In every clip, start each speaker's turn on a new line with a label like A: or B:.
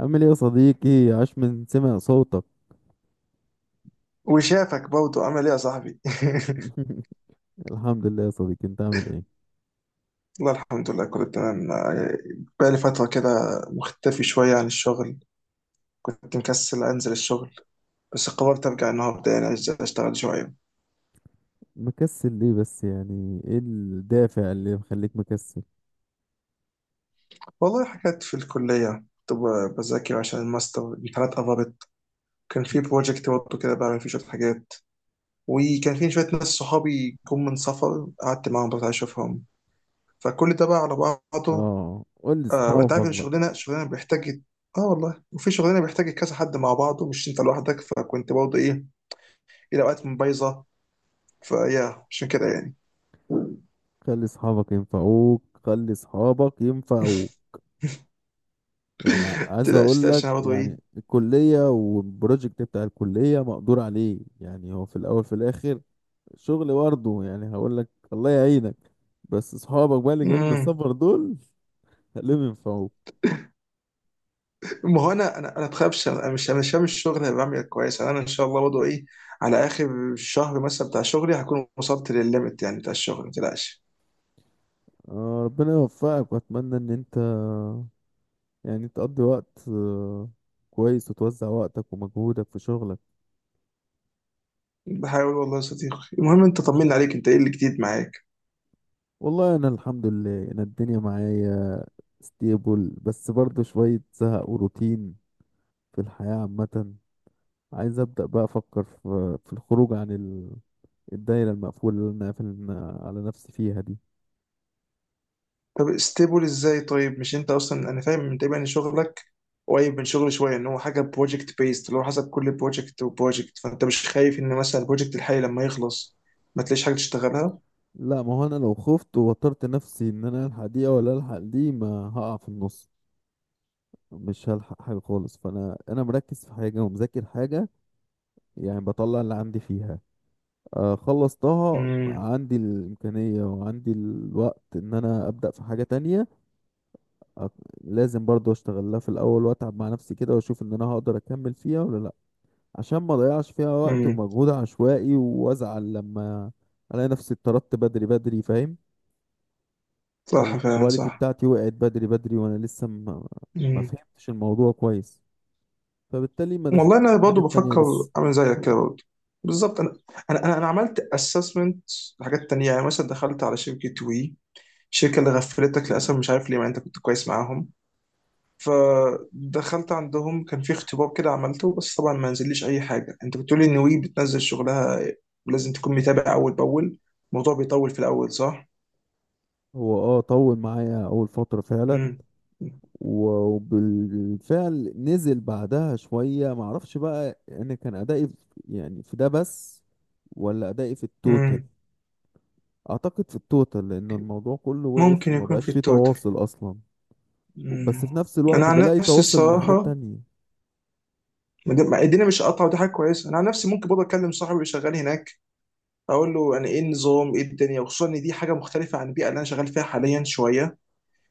A: عامل ايه يا صديقي؟ عاش من سمع صوتك.
B: وشافك برضه، عمل ايه يا صاحبي؟
A: الحمد لله يا صديقي، انت عامل ايه؟
B: والله الحمد لله، كله تمام. آه، بقالي فترة كده مختفي شوية عن الشغل. كنت مكسل أنزل الشغل، بس قررت أرجع النهاردة، يعني أشتغل شوية.
A: مكسل ليه بس؟ يعني ايه الدافع اللي مخليك مكسل؟
B: والله، حاجات في الكلية كنت بذاكر عشان الماستر، الامتحانات قربت. كان في بروجكت برضه كده بعمل فيه شوية حاجات، وكان في شوية ناس صحابي جم من سفر، قعدت معاهم بس أشوفهم، فكل ده بقى على بعضه.
A: اه، قول لي
B: آه وانت عارف
A: صحابك
B: ان
A: بقى.
B: الشغلانه بيحتاج. اه والله، وفي شغلانه بيحتاج كذا حد مع بعض، ومش انت لوحدك، فكنت برضه ايه، الى اوقات من بايظه فيا، عشان كده يعني.
A: خلي صحابك ينفعوك، خلي صحابك ينفعوك. يعني عايز
B: تلاش
A: اقول
B: تلاش،
A: لك،
B: انا برضه ايه.
A: يعني الكلية والبروجكت بتاع الكلية مقدور عليه، يعني هو في الاول في الاخر شغل برضه، يعني هقول لك الله يعينك. بس صحابك بقى اللي جايين من
B: مم.
A: السفر دول. خليهم ينفعوك.
B: ما هو انا بخافش، انا مش هعمل الشغل اللي بعمل كويس، يعني انا ان شاء الله برضه ايه على اخر الشهر مثلا بتاع شغلي هكون وصلت للليمت يعني بتاع الشغل، ما تقلقش.
A: آه، ربنا يوفقك، واتمنى ان انت يعني تقضي وقت كويس، وتوزع وقتك ومجهودك في شغلك.
B: بحاول والله يا صديقي. المهم، انت طمنا عليك، انت ايه اللي جديد معاك؟
A: والله انا الحمد لله، انا الدنيا معايا ستيبل، بس برضه شوية زهق وروتين في الحياة عامة. عايز ابدأ بقى افكر في الخروج عن الدايرة المقفولة اللي انا قافل على نفسي فيها دي.
B: طب استيبل ازاي؟ طيب مش انت اصلا انا فاهم من تقريبا ان شغلك قريب من شغلي شويه، ان هو حاجه بروجكت بيست، اللي هو حسب كل بروجكت وبروجكت، فانت مش خايف ان مثلا البروجكت الحالي لما يخلص ما تلاقيش حاجه تشتغلها؟
A: لا، ما هو انا لو خفت ووترت نفسي ان انا الحق دي ولا الحق دي ما هقع في النص، مش هلحق حاجة خالص. فانا انا مركز في حاجة ومذاكر حاجة، يعني بطلع اللي عندي فيها. خلصتها،
B: امم.
A: عندي الإمكانية وعندي الوقت إن أنا أبدأ في حاجة تانية. آه، لازم برضو أشتغل لها في الأول، وأتعب مع نفسي كده وأشوف إن أنا هقدر أكمل فيها ولا لأ، عشان ما أضيعش فيها وقت
B: امم،
A: ومجهود عشوائي، وأزعل لما ألاقي نفسي اتطردت بدري بدري. فاهم؟ أو
B: صح فعلا،
A: الكواليتي
B: صح.
A: بتاعتي وقعت بدري بدري وأنا لسه ما
B: امم،
A: فهمتش الموضوع كويس، فبالتالي ما
B: والله
A: دخلتش
B: انا
A: في الحاجة
B: برضه
A: التانية
B: بفكر
A: لسه.
B: اعمل زيك كده برضه بالظبط. انا انا انا أنا عملت اسسمنت لحاجات تانية، يعني مثلا دخلت على شركه وي، الشركه اللي غفلتك للاسف، مش عارف ليه مع إن انت كنت كويس معاهم. فدخلت عندهم، كان في اختبار كده عملته، بس طبعا ما نزليش اي حاجه. انت بتقولي ان وي بتنزل شغلها ولازم تكون متابع اول باول. الموضوع بيطول في الاول، صح.
A: هو طول معايا أول فترة فعلا،
B: امم.
A: وبالفعل نزل بعدها شوية. معرفش بقى انا كان ادائي يعني في ده بس، ولا ادائي في التوتال.
B: امم،
A: اعتقد في التوتال، لان الموضوع كله وقف
B: ممكن
A: وما
B: يكون في
A: بقاش فيه
B: التوتال.
A: تواصل اصلا، بس في
B: امم.
A: نفس
B: انا
A: الوقت
B: عن
A: بلاقي
B: نفسي
A: تواصل من حاجات
B: الصراحه،
A: تانية.
B: ما دي- ما- الدنيا مش قاطعه، ودي حاجه كويسه. انا عن نفسي ممكن برضه اكلم صاحبي اللي شغال هناك، اقول له يعني ايه النظام، ايه الدنيا، وخصوصا ان دي حاجه مختلفه عن البيئه اللي انا شغال فيها حاليا شويه،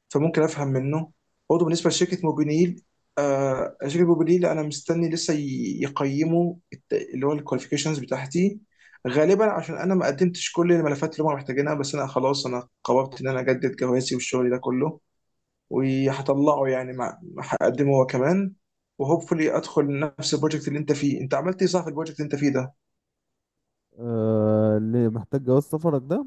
B: فممكن افهم منه. برضه بالنسبه لشركه موبينيل، آه شركه موبينيل انا مستني لسه يقيموا اللي هو الكواليفيكيشنز بتاعتي، غالبا عشان انا ما قدمتش كل الملفات اللي هم محتاجينها. بس انا خلاص، انا قررت ان انا اجدد جوازي والشغل ده كله، وهطلعه يعني، مع هقدمه هو كمان، وهوبفully ادخل نفس البروجكت اللي انت فيه. انت عملت ايه صح في البروجكت اللي انت فيه ده؟
A: آه، اللي محتاج جواز سفرك ده،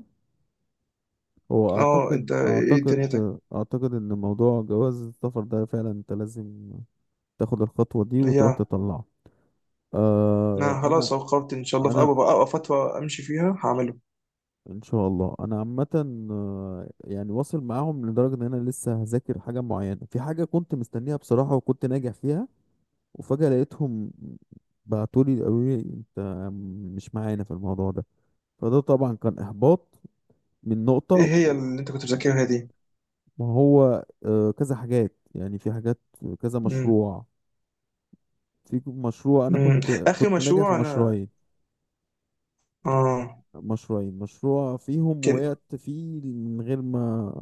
A: هو
B: اه، انت
A: اعتقد
B: ايه
A: اعتقد
B: دنيتك؟
A: اعتقد ان موضوع جواز السفر ده فعلا انت لازم تاخد الخطوة دي وتروح
B: يا
A: تطلعه. آه،
B: انا خلاص
A: انا
B: أهو، قررت ان شاء الله في
A: انا
B: اول أول فتره امشي فيها هعمل.
A: ان شاء الله انا عامه. آه، يعني واصل معاهم لدرجه ان انا لسه هذاكر حاجه معينه في حاجه كنت مستنيها بصراحه، وكنت ناجح فيها، وفجاه لقيتهم بعتولي قالوا لي انت مش معانا في الموضوع ده. فده طبعا كان احباط من
B: ايه
A: نقطه.
B: هي اللي انت كنت بتذاكرها دي؟
A: ما هو كذا حاجات، يعني في حاجات، كذا
B: مم.
A: مشروع. في مشروع انا
B: مم.
A: كنت
B: اخر
A: كنت ناجح في
B: مشروع انا.
A: مشروعين،
B: اه،
A: مشروعين مشروع فيهم
B: كده،
A: وقعت فيه من غير ما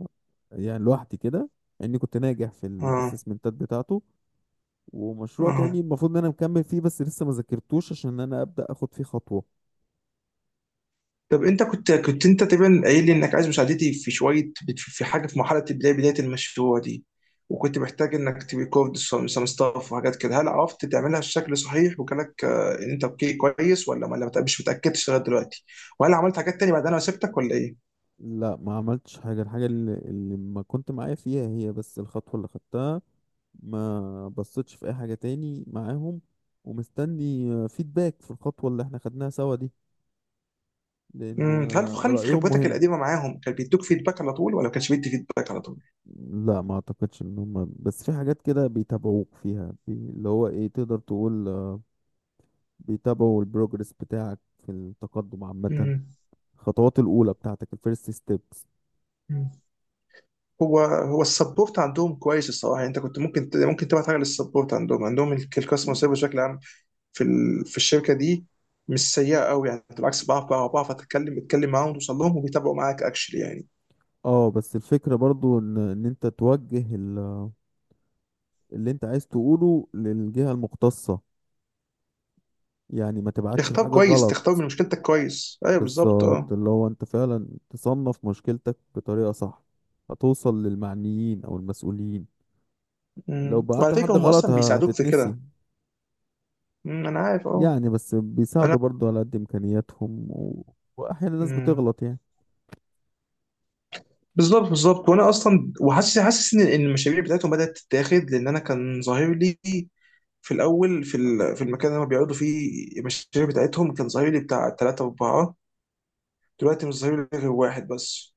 A: يعني، لوحدي كده، اني كنت ناجح في
B: اه،
A: الاسسمنتات بتاعته. ومشروع
B: اه.
A: تاني المفروض ان انا مكمل فيه، بس لسه ما ذاكرتوش عشان انا ابدا اخد فيه خطوه.
B: طب انت كنت انت تقريبا قايل لي انك عايز مساعدتي في شويه في حاجه في مرحله بدايه بدايه المشروع دي، وكنت محتاج انك تريكورد سم ستاف وحاجات كده. هل عرفت تعملها بشكل صحيح وجالك آه، ان انت اوكي كويس، ولا ما، ولا مش متاكدش لغايه دلوقتي؟ وهل عملت حاجات تانية بعد انا سبتك ولا ايه؟
A: لا، ما عملتش حاجه. الحاجه اللي ما كنت معايا فيها هي بس الخطوه اللي خدتها، ما بصيتش في اي حاجه تاني معاهم. ومستني فيدباك في الخطوه اللي احنا خدناها سوا دي، لان
B: مم. هل هل في
A: رايهم
B: خبرتك
A: مهم.
B: القديمه معاهم كان بيدوك فيدباك على طول، ولا ما كانش بيدي فيدباك على طول؟
A: لا، ما اعتقدش ان هم بس في حاجات كده بيتابعوك فيها، اللي هو ايه، تقدر تقول بيتابعوا البروجرس بتاعك في التقدم عامة،
B: مم.
A: الخطوات الاولى بتاعتك، الفيرست ستيبس.
B: مم. هو السبورت عندهم كويس الصراحه. يعني انت كنت ممكن ممكن تبعت حاجه للسبورت عندهم الكاستمر سيرفيس بشكل عام في الشركه دي، مش سيئه قوي. يعني بالعكس، بعرف اتكلم معاهم وتوصل لهم، وبيتابعوا معاك اكشلي يعني.
A: اه بس الفكرة برضو ان انت توجه اللي انت عايز تقوله للجهة المختصة، يعني ما تبعتش
B: اختار
A: الحاجة
B: كويس، تختار من
A: غلط.
B: مشكلتك كويس، ايوه بالظبط،
A: بالظبط،
B: اه.
A: اللي هو انت فعلا تصنف مشكلتك بطريقة صح، هتوصل للمعنيين او المسؤولين. لو
B: أمم. وعلى
A: بعت
B: فكره
A: لحد
B: هم
A: غلط
B: اصلا بيساعدوك في
A: هتتنسي
B: كده. أمم، انا عارف، اه.
A: يعني، بس
B: انا.
A: بيساعدوا برضو على قد امكانياتهم، واحيانا الناس
B: أمم.
A: بتغلط يعني.
B: بالظبط بالظبط، وانا اصلا وحاسس إن المشاريع بتاعتهم بدات تتاخد، لان انا كان ظاهر لي في الاول، في المكان اللي هم بيقعدوا فيه المشاريع بتاعتهم، كان ظهيري بتاع 3-4، دلوقتي مش ظهيري غير واحد بس.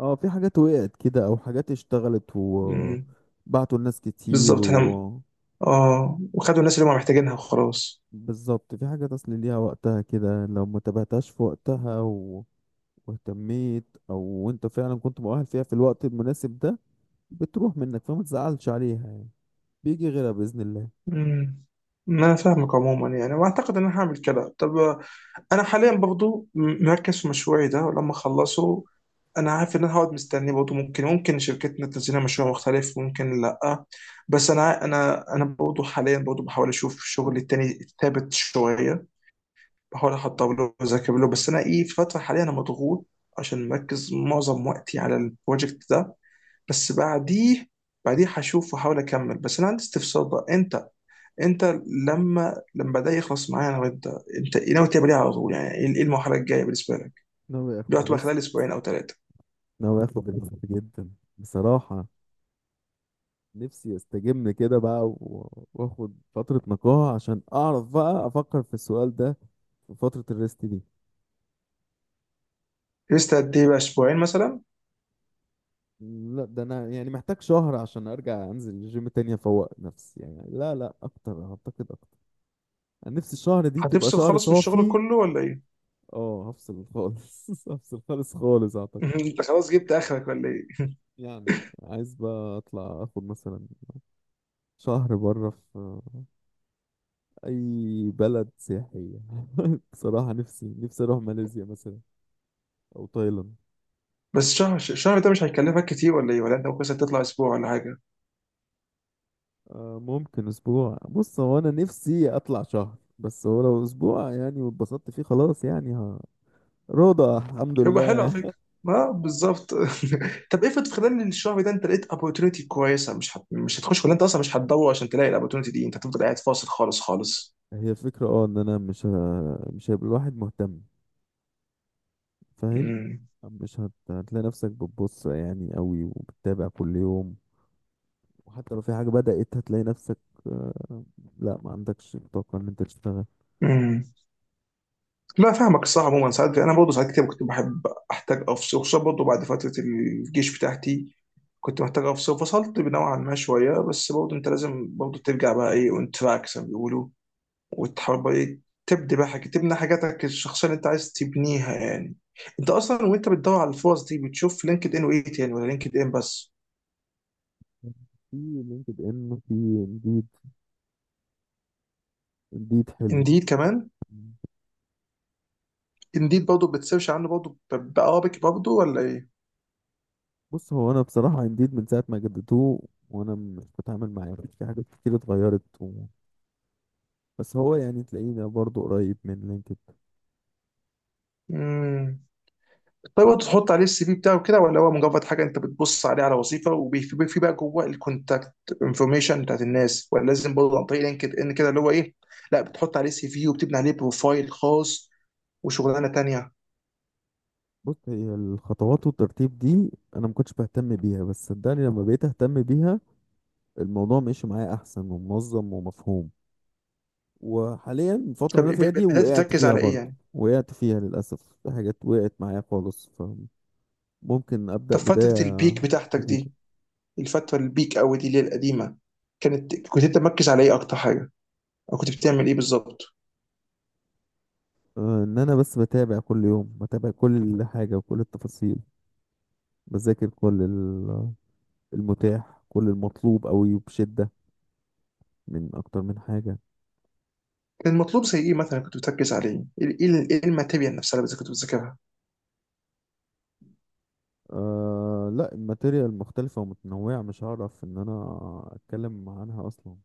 A: اه في حاجات وقعت كده، او حاجات اشتغلت
B: مم.
A: وبعتوا الناس كتير،
B: بالظبط، احنا. اه، وخدوا الناس اللي هم محتاجينها وخلاص.
A: بالظبط. في حاجات اصل ليها وقتها كده، لو ما تابعتهاش في وقتها واهتميت، او انت فعلا كنت مؤهل فيها في الوقت المناسب ده، بتروح منك. فما تزعلش عليها يعني، بيجي غيرها باذن الله.
B: مم. ما انا فاهمك عموما، يعني واعتقد ان انا هعمل كده. طب آه، انا حاليا برضو مركز في مشروعي ده. ولما اخلصه انا عارف ان انا هقعد مستني برضه، ممكن شركتنا تنزل لنا مشروع مختلف، ممكن لا. بس انا برضه حاليا برضه بحاول اشوف شغل تاني ثابت شويه، بحاول احضر له واذاكر له. بس انا ايه، في فتره حاليا انا مضغوط عشان مركز معظم وقتي على البروجكت ده. بس بعديه هشوف واحاول اكمل. بس انا عندي استفسار بقى. انت لما ده يخلص معايا انا وانت، انت إيه ناوي تعمل ايه على طول؟ يعني ايه، إيه المرحله الجايه بالنسبه لك
A: ناوي اخد
B: دلوقتي بقى،
A: ريست،
B: خلال اسبوعين او ثلاثه؟
A: ناوي اخد ريست جدا بصراحة. نفسي استجم كده بقى واخد فترة نقاهة، عشان اعرف بقى افكر في السؤال ده في فترة الريست دي.
B: لسه قد ايه بقى، اسبوعين مثلا؟
A: لا، ده انا يعني محتاج شهر عشان ارجع انزل الجيم تاني، افوق نفسي يعني. لا لا اكتر، اعتقد اكتر. انا نفسي الشهر دي تبقى
B: هتفصل
A: شهر
B: خالص من الشغل
A: صافي.
B: كله ولا ايه؟
A: اه هفصل خالص. هفصل خالص خالص اعتقد.
B: انت خلاص جبت اخرك ولا ايه؟
A: يعني عايز بقى اطلع اخد مثلا شهر بره في اي بلد سياحية. بصراحة نفسي نفسي اروح ماليزيا مثلا، او تايلاند.
B: بس الشهر ده مش هيكلفك كتير ولا ايه؟ ولا انت ممكن مثلاً تطلع اسبوع ولا حاجه؟
A: آه، ممكن اسبوع. بص، هو انا نفسي اطلع شهر، بس هو لو اسبوع يعني واتبسطت فيه خلاص، يعني ها رضا الحمد
B: هيبقى حلو على
A: لله.
B: فكره، ما بالظبط. طب افرض في خلال الشهر ده انت لقيت opportunity كويسه، مش هتخش؟ ولا انت اصلا مش هتدور عشان تلاقي opportunity دي؟ انت هتفضل قاعد فاصل خالص خالص؟
A: هي الفكرة ان انا مش مش هيبقى الواحد مهتم. فاهم؟
B: امم.
A: مش هتلاقي نفسك بتبص يعني قوي، وبتتابع كل يوم، وحتى لو في حاجة بدأت هتلاقي نفسك، آه، لا، ما عندكش طاقة ان انت تشتغل.
B: امم. لا، فاهمك الصراحه. عموما ساعات انا برضه، ساعات كتير كنت بحب احتاج افصل، خصوصا برضه بعد فتره الجيش بتاعتي كنت محتاج افصل، فصلت نوعا ما شويه، بس برضه انت لازم برضه ترجع بقى ايه اون تراك زي ما بيقولوا، وتحاول بقى إيه تبدي بقى حاجة، تبني حاجاتك الشخصية اللي أنت عايز تبنيها يعني. أنت أصلا وأنت بتدور على الفرص دي، بتشوف لينكد إن وإيه تاني، ولا لينكد إن بس؟
A: في لينكد ان، في انديد. انديد حلو.
B: إنديد كمان؟ إنديد برضه بتسيرش عنه برضه بأرابيك برضه ولا إيه؟
A: بص، هو انا بصراحه انديد من ساعه ما جددوه وانا مش بتعامل معاه، في حاجات كتير اتغيرت، بس هو يعني تلاقينا برضو قريب من لينكد.
B: امم. طيب وأنت تحط عليه السي في بتاعه كده، ولا هو مجرد حاجة أنت بتبص عليه على وظيفة، وفي بقى جوه الكونتاكت انفورميشن بتاعت الناس، ولا لازم برضه عن طريق لينكد إن كده اللي هو إيه؟ لا بتحط عليه سي في وبتبني عليه بروفايل خاص وشغلانة تانية.
A: بص، هي الخطوات والترتيب دي انا ما كنتش بهتم بيها، بس صدقني لما بقيت اهتم بيها الموضوع ماشي معايا احسن ومنظم ومفهوم. وحاليا الفتره
B: طب
A: اللي انا فيها دي
B: بدأت
A: وقعت
B: تركز
A: فيها
B: على إيه
A: برضو،
B: يعني؟
A: وقعت فيها للاسف في حاجات وقعت معايا خالص، فممكن ابدا
B: طب
A: بدايه
B: فترة البيك بتاعتك
A: جديده.
B: دي، الفترة البيك أوي دي اللي هي القديمة، كنت أنت مركز على إيه أكتر حاجة؟ أو كنت بتعمل إيه بالظبط؟
A: ان انا بس بتابع كل يوم، بتابع كل حاجه وكل التفاصيل، بذاكر كل المتاح، كل المطلوب قوي وبشدة، من أكتر من حاجة.
B: كان المطلوب زي إيه مثلا كنت بتركز عليه؟ إيه الماتيريال نفسها اللي كنت بتذاكرها؟
A: لا، الماتيريال مختلفة ومتنوعة، مش هعرف إن أنا أتكلم عنها أصلا.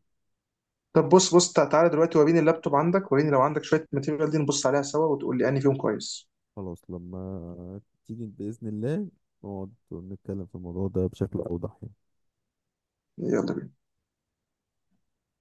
B: طب بص بص تعالى دلوقتي وريني اللابتوب عندك، وريني لو عندك شوية ماتيريال دي، نبص عليها سوا وتقول لي أنهي فيهم كويس.
A: خلاص، لما تيجي بإذن الله نقعد نتكلم في الموضوع ده بشكل أوضح يعني.
B: يلا بينا.